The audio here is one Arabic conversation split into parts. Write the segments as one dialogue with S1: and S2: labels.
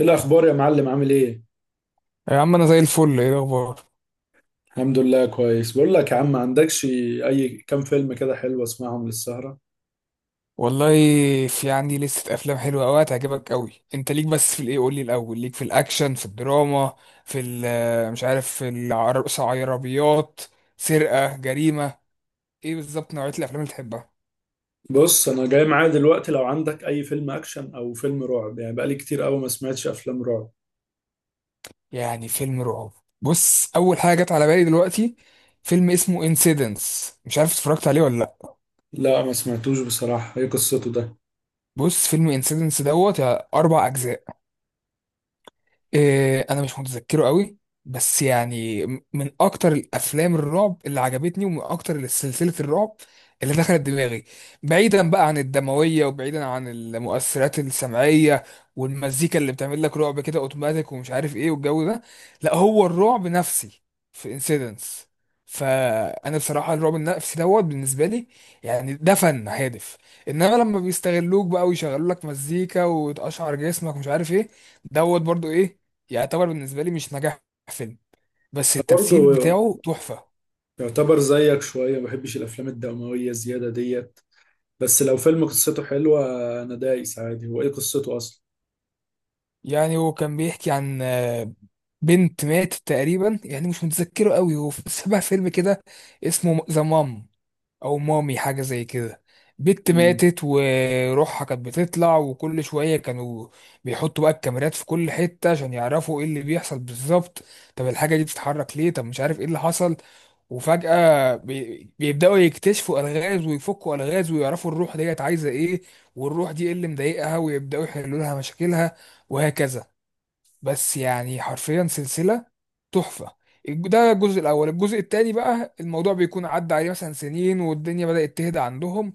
S1: ايه الاخبار يا معلم، عامل ايه؟
S2: يا عم انا زي الفل. ايه الاخبار؟
S1: الحمد لله كويس. بقول لك يا عم، ما عندكش اي كام فيلم كده حلو اسمعهم للسهرة؟
S2: والله في عندي لستة افلام حلوه قوي هتعجبك قوي. انت ليك بس في الايه، قول لي الاول، ليك في الاكشن في الدراما في مش عارف، في العربيات، سرقه، جريمه، ايه بالظبط نوعيه الافلام اللي تحبها؟
S1: بص انا جاي معايا دلوقتي، لو عندك اي فيلم اكشن او فيلم رعب، يعني بقالي كتير قوي ما سمعتش افلام رعب.
S2: يعني فيلم رعب. بص اول حاجه جت على بالي دلوقتي فيلم اسمه انسيدنس، مش عارف اتفرجت عليه ولا لا.
S1: لا ما سمعتوش بصراحة، ايه قصته ده؟ انا
S2: بص فيلم انسيدنس دوت اربع اجزاء. إيه انا مش متذكره قوي، بس يعني من اكتر الافلام الرعب اللي عجبتني ومن اكتر سلسله الرعب اللي دخلت دماغي. بعيدا بقى عن الدمويه وبعيدا عن المؤثرات السمعيه والمزيكا اللي بتعمل لك رعب كده اوتوماتيك ومش عارف ايه والجو ده. لا هو الرعب نفسي في انسيدنس، فانا بصراحه الرعب النفسي دوت بالنسبه لي، يعني ده فن هادف. انما لما بيستغلوك بقى ويشغلوا لك مزيكا وتقشعر جسمك ومش عارف ايه، دوت برضو ايه، يعني يعتبر بالنسبة لي مش نجاح فيلم. بس التمثيل
S1: برضه
S2: بتاعه تحفة.
S1: يعتبر زيك شوية، ما بحبش الافلام الدموية زيادة ديت، بس لو فيلم قصته حلوة انا دايس عادي. هو ايه قصته اصلا؟
S2: يعني هو كان بيحكي عن بنت ماتت تقريبا، يعني مش متذكره قوي. هو شبه فيلم كده اسمه ذا مام او مامي، حاجة زي كده. بنت
S1: مم.
S2: ماتت وروحها كانت بتطلع، وكل شوية كانوا بيحطوا بقى الكاميرات في كل حتة عشان يعرفوا ايه اللي بيحصل بالظبط. طب الحاجة دي بتتحرك ليه، طب مش عارف ايه اللي حصل. وفجأة بيبدأوا يكتشفوا ألغاز ويفكوا ألغاز ويعرفوا الروح ديت عايزة إيه، والروح دي إيه اللي مضايقها، ويبدأوا يحلوا لها مشاكلها، وهكذا. بس يعني حرفيا سلسلة تحفة. ده الجزء الأول. الجزء التاني بقى الموضوع بيكون عدى عليه مثلا سنين والدنيا بدأت تهدى عندهم،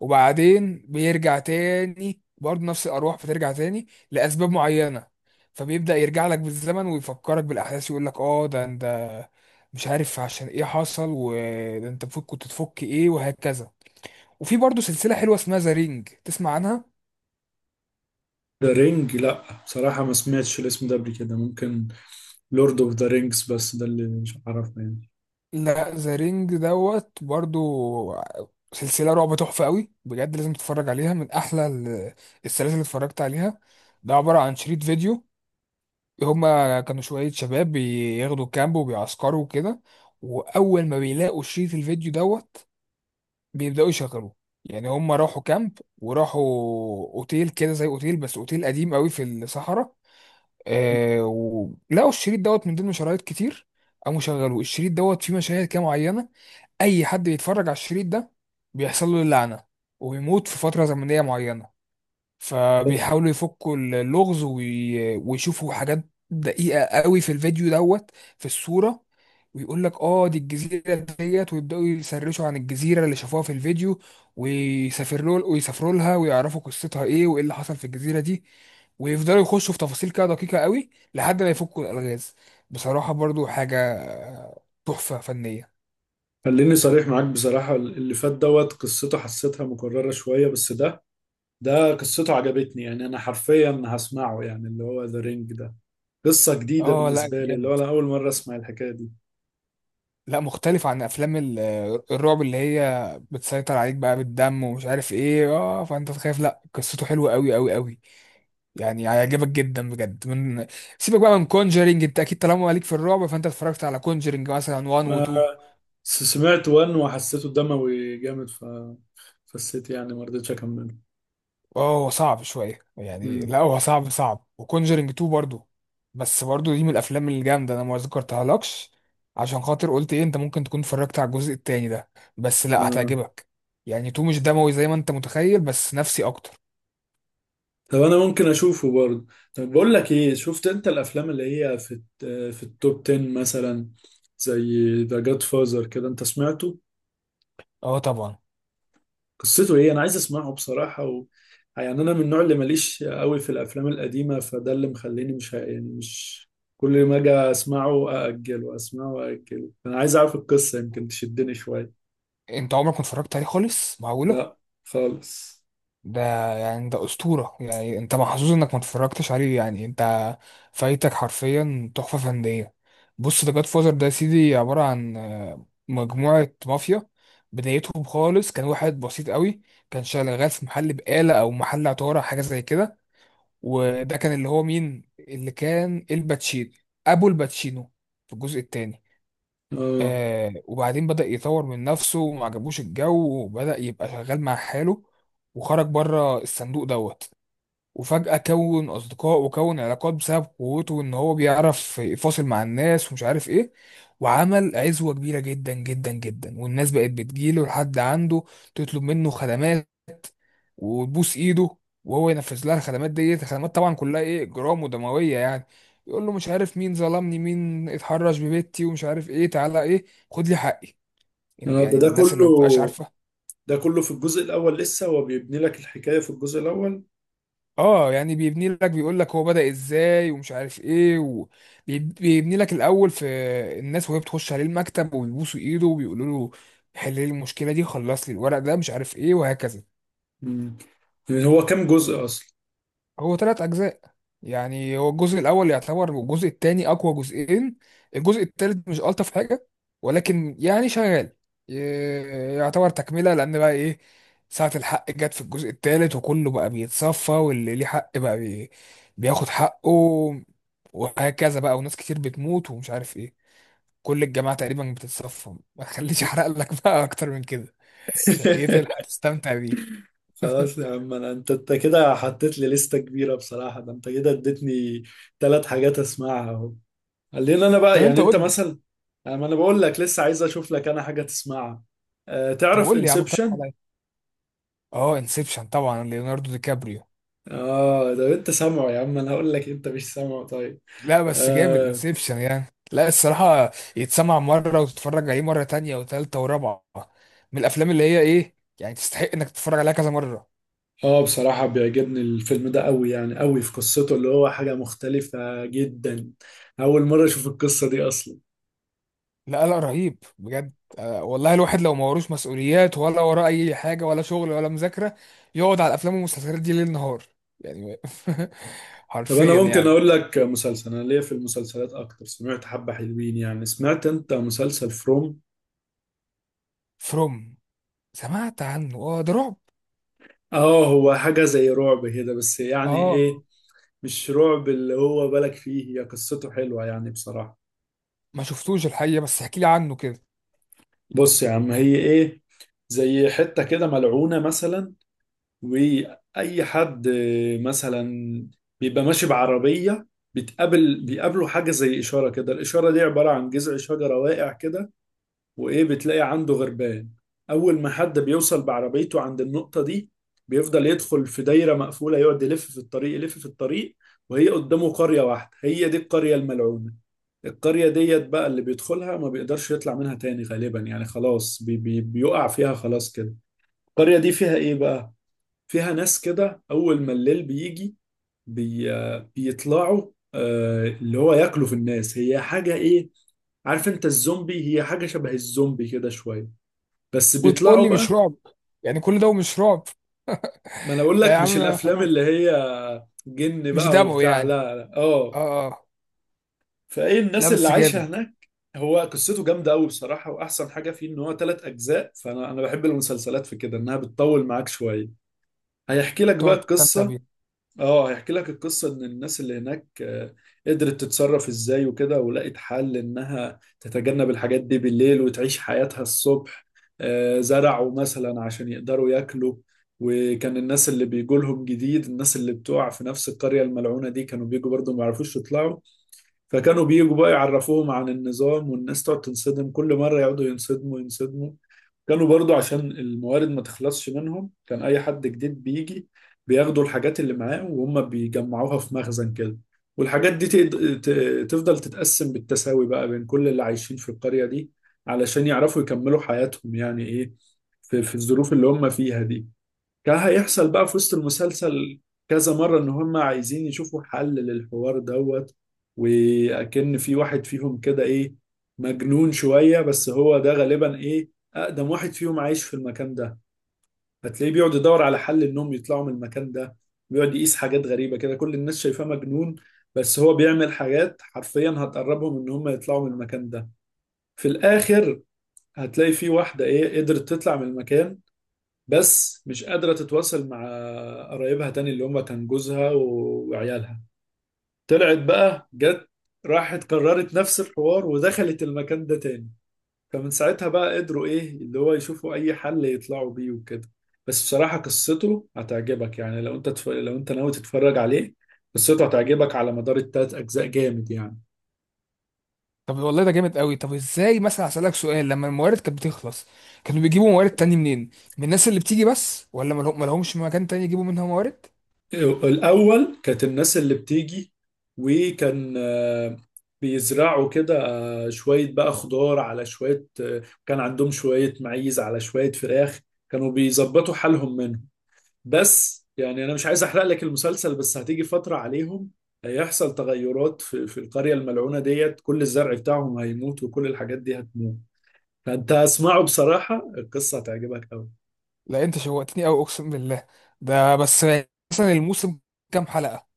S2: وبعدين بيرجع تاني برضه، نفس الأرواح بترجع تاني لأسباب معينة. فبيبدأ يرجع لك بالزمن ويفكرك بالأحداث يقول لك اه ده انت مش عارف عشان ايه حصل، وده انت المفروض كنت تفك ايه، وهكذا. وفي برضه سلسلة حلوة اسمها ذا رينج، تسمع عنها؟
S1: ده رينج؟ لا بصراحة ما سمعتش الاسم ده قبل كده، ممكن لورد اوف ذا رينجز، بس ده اللي مش عارفه يعني.
S2: لا ذا رينج دوت برضو سلسلة رعب تحفة قوي بجد، لازم تتفرج عليها، من أحلى السلاسل اللي اتفرجت عليها. ده عبارة عن شريط فيديو. هما كانوا شوية شباب بياخدوا كامب وبيعسكروا وكده، وأول ما بيلاقوا شريط الفيديو دوت بيبدأوا يشغلوه. يعني هما راحوا كامب وراحوا أوتيل كده، زي أوتيل بس أوتيل قديم قوي في الصحراء. آه ولقوا الشريط دوت من ضمن شرايط كتير. قاموا شغلوه، الشريط دوت فيه مشاهد كده معينة، اي حد بيتفرج على الشريط ده بيحصل له اللعنه ويموت في فتره زمنيه معينه. فبيحاولوا يفكوا اللغز ويشوفوا حاجات دقيقه قوي في الفيديو دوت، في الصوره، ويقول لك اه دي الجزيره ديت، ويبداوا يسرشوا عن الجزيره اللي شافوها في الفيديو، ويسافروا ويسافروا لها ويعرفوا قصتها ايه وايه اللي حصل في الجزيره دي، ويفضلوا يخشوا في تفاصيل كده دقيقه قوي لحد ما يفكوا الالغاز. بصراحه برضو حاجه تحفه فنيه.
S1: خليني صريح معاك، بصراحة اللي فات دوت قصته حسيتها مكررة شوية، بس ده قصته عجبتني. يعني أنا حرفيا هسمعه، يعني اللي هو ذا رينج ده قصة جديدة
S2: اه لا
S1: بالنسبة لي، اللي هو
S2: جامد،
S1: أنا أول مرة أسمع الحكاية دي.
S2: لا مختلف عن افلام الرعب اللي هي بتسيطر عليك بقى بالدم ومش عارف ايه، اه فانت تخاف. لا قصته حلوه قوي قوي قوي، يعني هيعجبك جدا بجد. من سيبك بقى من كونجرينج، انت اكيد طالما ليك في الرعب فانت اتفرجت على كونجرينج مثلا 1 و 2.
S1: آه، سمعت وان وحسيته دموي جامد، ف فسيت يعني ما رضيتش أكمله.
S2: اه هو صعب شويه يعني، لا
S1: مم.
S2: هو صعب صعب، وكونجرينج 2 برضو. بس برضو دي من الافلام الجامده، انا ما ذكرتها لكش عشان خاطر قلت ايه انت ممكن تكون اتفرجت على الجزء التاني ده، بس لا
S1: آه،
S2: هتعجبك. يعني 2 مش دموي زي ما انت متخيل، بس نفسي اكتر.
S1: طب انا ممكن اشوفه برضه. طب بقول لك ايه، شفت انت الافلام اللي هي في التوب 10 مثلا، زي ذا جاد فازر كده، انت سمعته؟
S2: اه طبعا.
S1: قصته ايه؟ انا عايز اسمعه بصراحة يعني انا من النوع اللي ماليش قوي في الافلام القديمة، فده اللي مخليني مش يعني مش كل ما اجي اسمعه ااجله، اسمعه واجله، انا عايز اعرف القصة يمكن تشدني شوية.
S2: انت عمرك ما اتفرجت عليه خالص؟ معقولة!
S1: لا، خالص.
S2: ده يعني ده أسطورة، يعني انت محظوظ انك ما اتفرجتش عليه، يعني انت فايتك حرفيا تحفة فنية. بص ده جاد فوزر، ده يا سيدي عبارة عن مجموعة مافيا. بدايتهم خالص كان واحد بسيط قوي، كان شغال في محل بقالة او محل عطارة، حاجة زي كده. وده كان اللي هو مين، اللي كان الباتشينو، ابو الباتشينو في الجزء التاني.
S1: اه
S2: آه وبعدين بدأ يطور من نفسه وما عجبوش الجو، وبدأ يبقى شغال مع حاله وخرج بره الصندوق دوت. وفجأة كون أصدقاء وكون علاقات بسبب قوته إن هو بيعرف يفاصل مع الناس ومش عارف إيه، وعمل عزوة كبيرة جدا جدا جدا، والناس بقت بتجيله لحد عنده تطلب منه خدمات وتبوس إيده، وهو ينفذ لها الخدمات ديت. الخدمات طبعا كلها إيه، إجرام ودموية يعني. يقول له مش عارف مين ظلمني، مين اتحرش ببيتي ومش عارف إيه، تعالى إيه خد لي حقي،
S1: انا ده
S2: يعني
S1: ده
S2: الناس
S1: كله،
S2: اللي ما بتبقاش عارفه.
S1: ده كله في الجزء الاول، لسه هو بيبني لك الحكاية في الجزء الاول.
S2: اه يعني بيبني لك، بيقول لك هو بدأ ازاي ومش عارف ايه، وبيبني لك الاول في الناس وهي بتخش عليه المكتب وبيبوسوا ايده وبيقولوا له حل لي المشكله دي، خلص لي الورق ده، مش عارف ايه، وهكذا.
S1: مم. هو كام جزء اصلا؟
S2: هو ثلاث اجزاء. يعني هو الجزء الاول يعتبر والجزء الثاني اقوى جزئين، الجزء الثالث مش الطف حاجه ولكن يعني شغال، ي- يعتبر تكمله، لان بقى ايه ساعه الحق جت في الجزء الثالث، وكله بقى بيتصفى، واللي ليه حق بقى بياخد حقه وهكذا بقى، وناس كتير بتموت ومش عارف ايه، كل الجماعه تقريبا بتتصفى. ما تخليش احرق لك بقى اكتر من كده، عشان ايه تلحق تستمتع بيه.
S1: خلاص يا عم، انا انت انت كده حطيت لي لستة كبيرة بصراحة، ده انت كده اديتني ثلاث حاجات اسمعها اهو. خلينا انا
S2: طب
S1: بقى
S2: انت
S1: يعني انت
S2: قول لي،
S1: مثلا، يعني ما انا بقول لك لسه عايز اشوف لك انا حاجة تسمعها. أه،
S2: طب
S1: تعرف
S2: قول لي يا عم، اقترح
S1: انسبشن؟
S2: عليا. اه انسبشن طبعا، ليوناردو دي كابريو.
S1: اه ده انت سامعه، يا عم انا هقول لك انت مش سامعه، طيب.
S2: لا بس جامد
S1: اه،
S2: انسبشن يعني. لا الصراحة يتسمع مرة وتتفرج عليه مرة تانية وتالتة ورابعة، من الأفلام اللي هي إيه يعني تستحق إنك تتفرج عليها كذا مرة.
S1: اه، بصراحة بيعجبني الفيلم ده قوي، يعني قوي في قصته، اللي هو حاجة مختلفة جدا، اول مرة اشوف القصة دي اصلا.
S2: لا لا رهيب بجد. والله الواحد لو ما وروش مسؤوليات ولا وراه أي حاجة ولا شغل ولا مذاكرة يقعد على الأفلام والمسلسلات دي ليل نهار يعني.
S1: طب انا
S2: حرفيا
S1: ممكن
S2: يعني.
S1: اقول لك مسلسل، انا ليا في المسلسلات اكتر، سمعت حبة حلوين، يعني سمعت انت مسلسل فروم؟
S2: فروم سمعت عنه، اه ده رعب.
S1: اه هو حاجة زي رعب كده، بس
S2: اه.
S1: يعني
S2: آه.
S1: ايه، مش رعب اللي هو بالك فيه، هي قصته حلوة يعني بصراحة.
S2: ما شفتوش الحقيقة، بس احكي لي عنه كده.
S1: بص يا عم، هي ايه، زي حتة كده ملعونة مثلا، واي حد مثلا بيبقى ماشي بعربية، بيقابله حاجة زي إشارة كده، الإشارة دي عبارة عن جذع شجرة واقع كده، وايه بتلاقي عنده غربان. اول ما حد بيوصل بعربيته عند النقطة دي، بيفضل يدخل في دايرة مقفولة، يقعد يلف في الطريق يلف في الطريق، وهي قدامه قرية واحدة هي دي القرية الملعونة. القرية ديت بقى اللي بيدخلها ما بيقدرش يطلع منها تاني، غالبا يعني خلاص، بي بي بيقع فيها خلاص كده. القرية دي فيها ايه بقى؟ فيها ناس كده اول ما الليل بيجي، بي بيطلعوا، اللي هو ياكلوا في الناس، هي حاجة ايه، عارف انت الزومبي، هي حاجة شبه الزومبي كده شوية، بس
S2: وتقول
S1: بيطلعوا
S2: لي مش
S1: بقى.
S2: رعب؟ يعني كل ده ومش رعب؟
S1: ما انا اقول
S2: ده يا
S1: لك مش
S2: عم
S1: الافلام
S2: خلاص.
S1: اللي هي جن
S2: مش
S1: بقى
S2: دموي
S1: وبتاع،
S2: يعني.
S1: لا لا، اه.
S2: اه اه.
S1: فايه
S2: لا
S1: الناس اللي
S2: بس
S1: عايشه
S2: جامد.
S1: هناك. هو قصته جامده قوي بصراحه، واحسن حاجه فيه ان هو ثلاث اجزاء، فانا بحب المسلسلات في كده انها بتطول معاك شويه. هيحكي لك بقى
S2: تقعد تستمتع
S1: القصه.
S2: بيه.
S1: اه هيحكي لك القصة ان الناس اللي هناك قدرت تتصرف ازاي وكده، ولقت حل انها تتجنب الحاجات دي بالليل وتعيش حياتها الصبح. زرعوا مثلا عشان يقدروا ياكلوا. وكان الناس اللي بيجولهم جديد، الناس اللي بتقع في نفس القرية الملعونة دي، كانوا بيجوا برضو ما يعرفوش يطلعوا، فكانوا بيجوا بقى يعرفوهم عن النظام، والناس تقعد تنصدم كل مرة، يقعدوا ينصدموا ينصدموا. كانوا برضو عشان الموارد ما تخلصش منهم، كان اي حد جديد بيجي بياخدوا الحاجات اللي معاه وهم بيجمعوها في مخزن كده، والحاجات دي تفضل تتقسم بالتساوي بقى بين كل اللي عايشين في القرية دي علشان يعرفوا يكملوا حياتهم. يعني ايه، في الظروف اللي هم فيها دي. كان هيحصل بقى في وسط المسلسل كذا مرة إن هم عايزين يشوفوا حل للحوار دوت. وأكن في واحد فيهم كده إيه، مجنون شوية، بس هو ده غالبا إيه، أقدم واحد فيهم عايش في المكان ده. هتلاقيه بيقعد يدور على حل إنهم يطلعوا من المكان ده، بيقعد يقيس حاجات غريبة كده، كل الناس شايفاه مجنون، بس هو بيعمل حاجات حرفيا هتقربهم إن هم يطلعوا من المكان ده. في الآخر هتلاقي في واحدة إيه قدرت تطلع من المكان، بس مش قادرة تتواصل مع قرايبها تاني، اللي هم كان جوزها وعيالها. طلعت بقى جت، راحت كررت نفس الحوار ودخلت المكان ده تاني، فمن ساعتها بقى قدروا ايه اللي هو يشوفوا اي حل يطلعوا بيه وكده. بس بصراحة قصته هتعجبك يعني، لو انت لو انت ناوي تتفرج عليه، قصته هتعجبك على مدار التلات اجزاء، جامد يعني.
S2: طب والله ده جامد قوي. طب ازاي مثلا، هسألك سؤال، لما الموارد كانت بتخلص كانوا بيجيبوا موارد تاني منين؟ من الناس اللي بتيجي بس، ولا ملهمش مكان تاني يجيبوا منها موارد؟
S1: الأول كانت الناس اللي بتيجي، وكان بيزرعوا كده، شوية بقى خضار على شوية، كان عندهم شوية معيز على شوية فراخ، كانوا بيظبطوا حالهم منهم. بس يعني أنا مش عايز أحرق لك المسلسل، بس هتيجي فترة عليهم هيحصل تغيرات في القرية الملعونة ديت، كل الزرع بتاعهم هيموت وكل الحاجات دي هتموت، فأنت اسمعه بصراحة، القصة هتعجبك أوي.
S2: لا انت شوقتني قوي اقسم بالله. ده بس، مثلا الموسم كام حلقة؟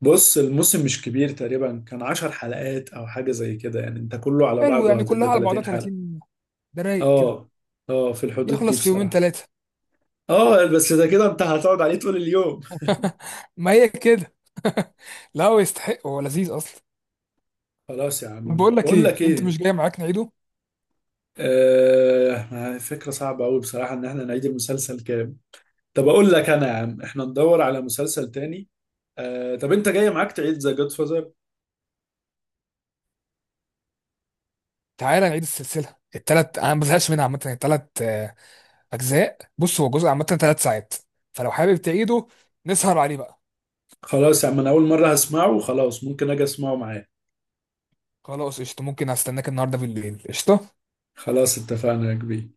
S1: بص الموسم مش كبير، تقريبا كان 10 حلقات او حاجة زي كده، يعني انت كله على
S2: حلو
S1: بعضه
S2: يعني كلها
S1: هتبقى
S2: على بعضها
S1: 30 حلقة.
S2: 30. ده رايق كده،
S1: اه، اه، في الحدود دي
S2: يخلص في يومين
S1: بصراحة.
S2: ثلاثة.
S1: اه بس ده كده انت هتقعد عليه طول اليوم.
S2: ما هي كده. لا هو يستحق، هو لذيذ اصلا.
S1: خلاص يا
S2: طب
S1: عم،
S2: بقول لك
S1: بقول
S2: ايه،
S1: لك
S2: انت مش
S1: ايه،
S2: جاي معاك نعيده؟
S1: فكرة صعبة أوي بصراحة إن إحنا نعيد المسلسل كام. طب أقول لك أنا يا عم، إحنا ندور على مسلسل تاني. طب أنت جاي معاك تعيد ذا جاد فازر؟
S2: تعالى نعيد السلسله التلات، انا ما بزهقش منها عامه. التلات اجزاء، بص هو جزء عامه تلات ساعات، فلو حابب تعيده نسهر عليه بقى.
S1: خلاص يا عم، أنا أول مرة هسمعه وخلاص، ممكن أجي أسمعه معاك.
S2: خلاص قشطه، ممكن استناك النهارده بالليل قشطه.
S1: خلاص اتفقنا يا كبير.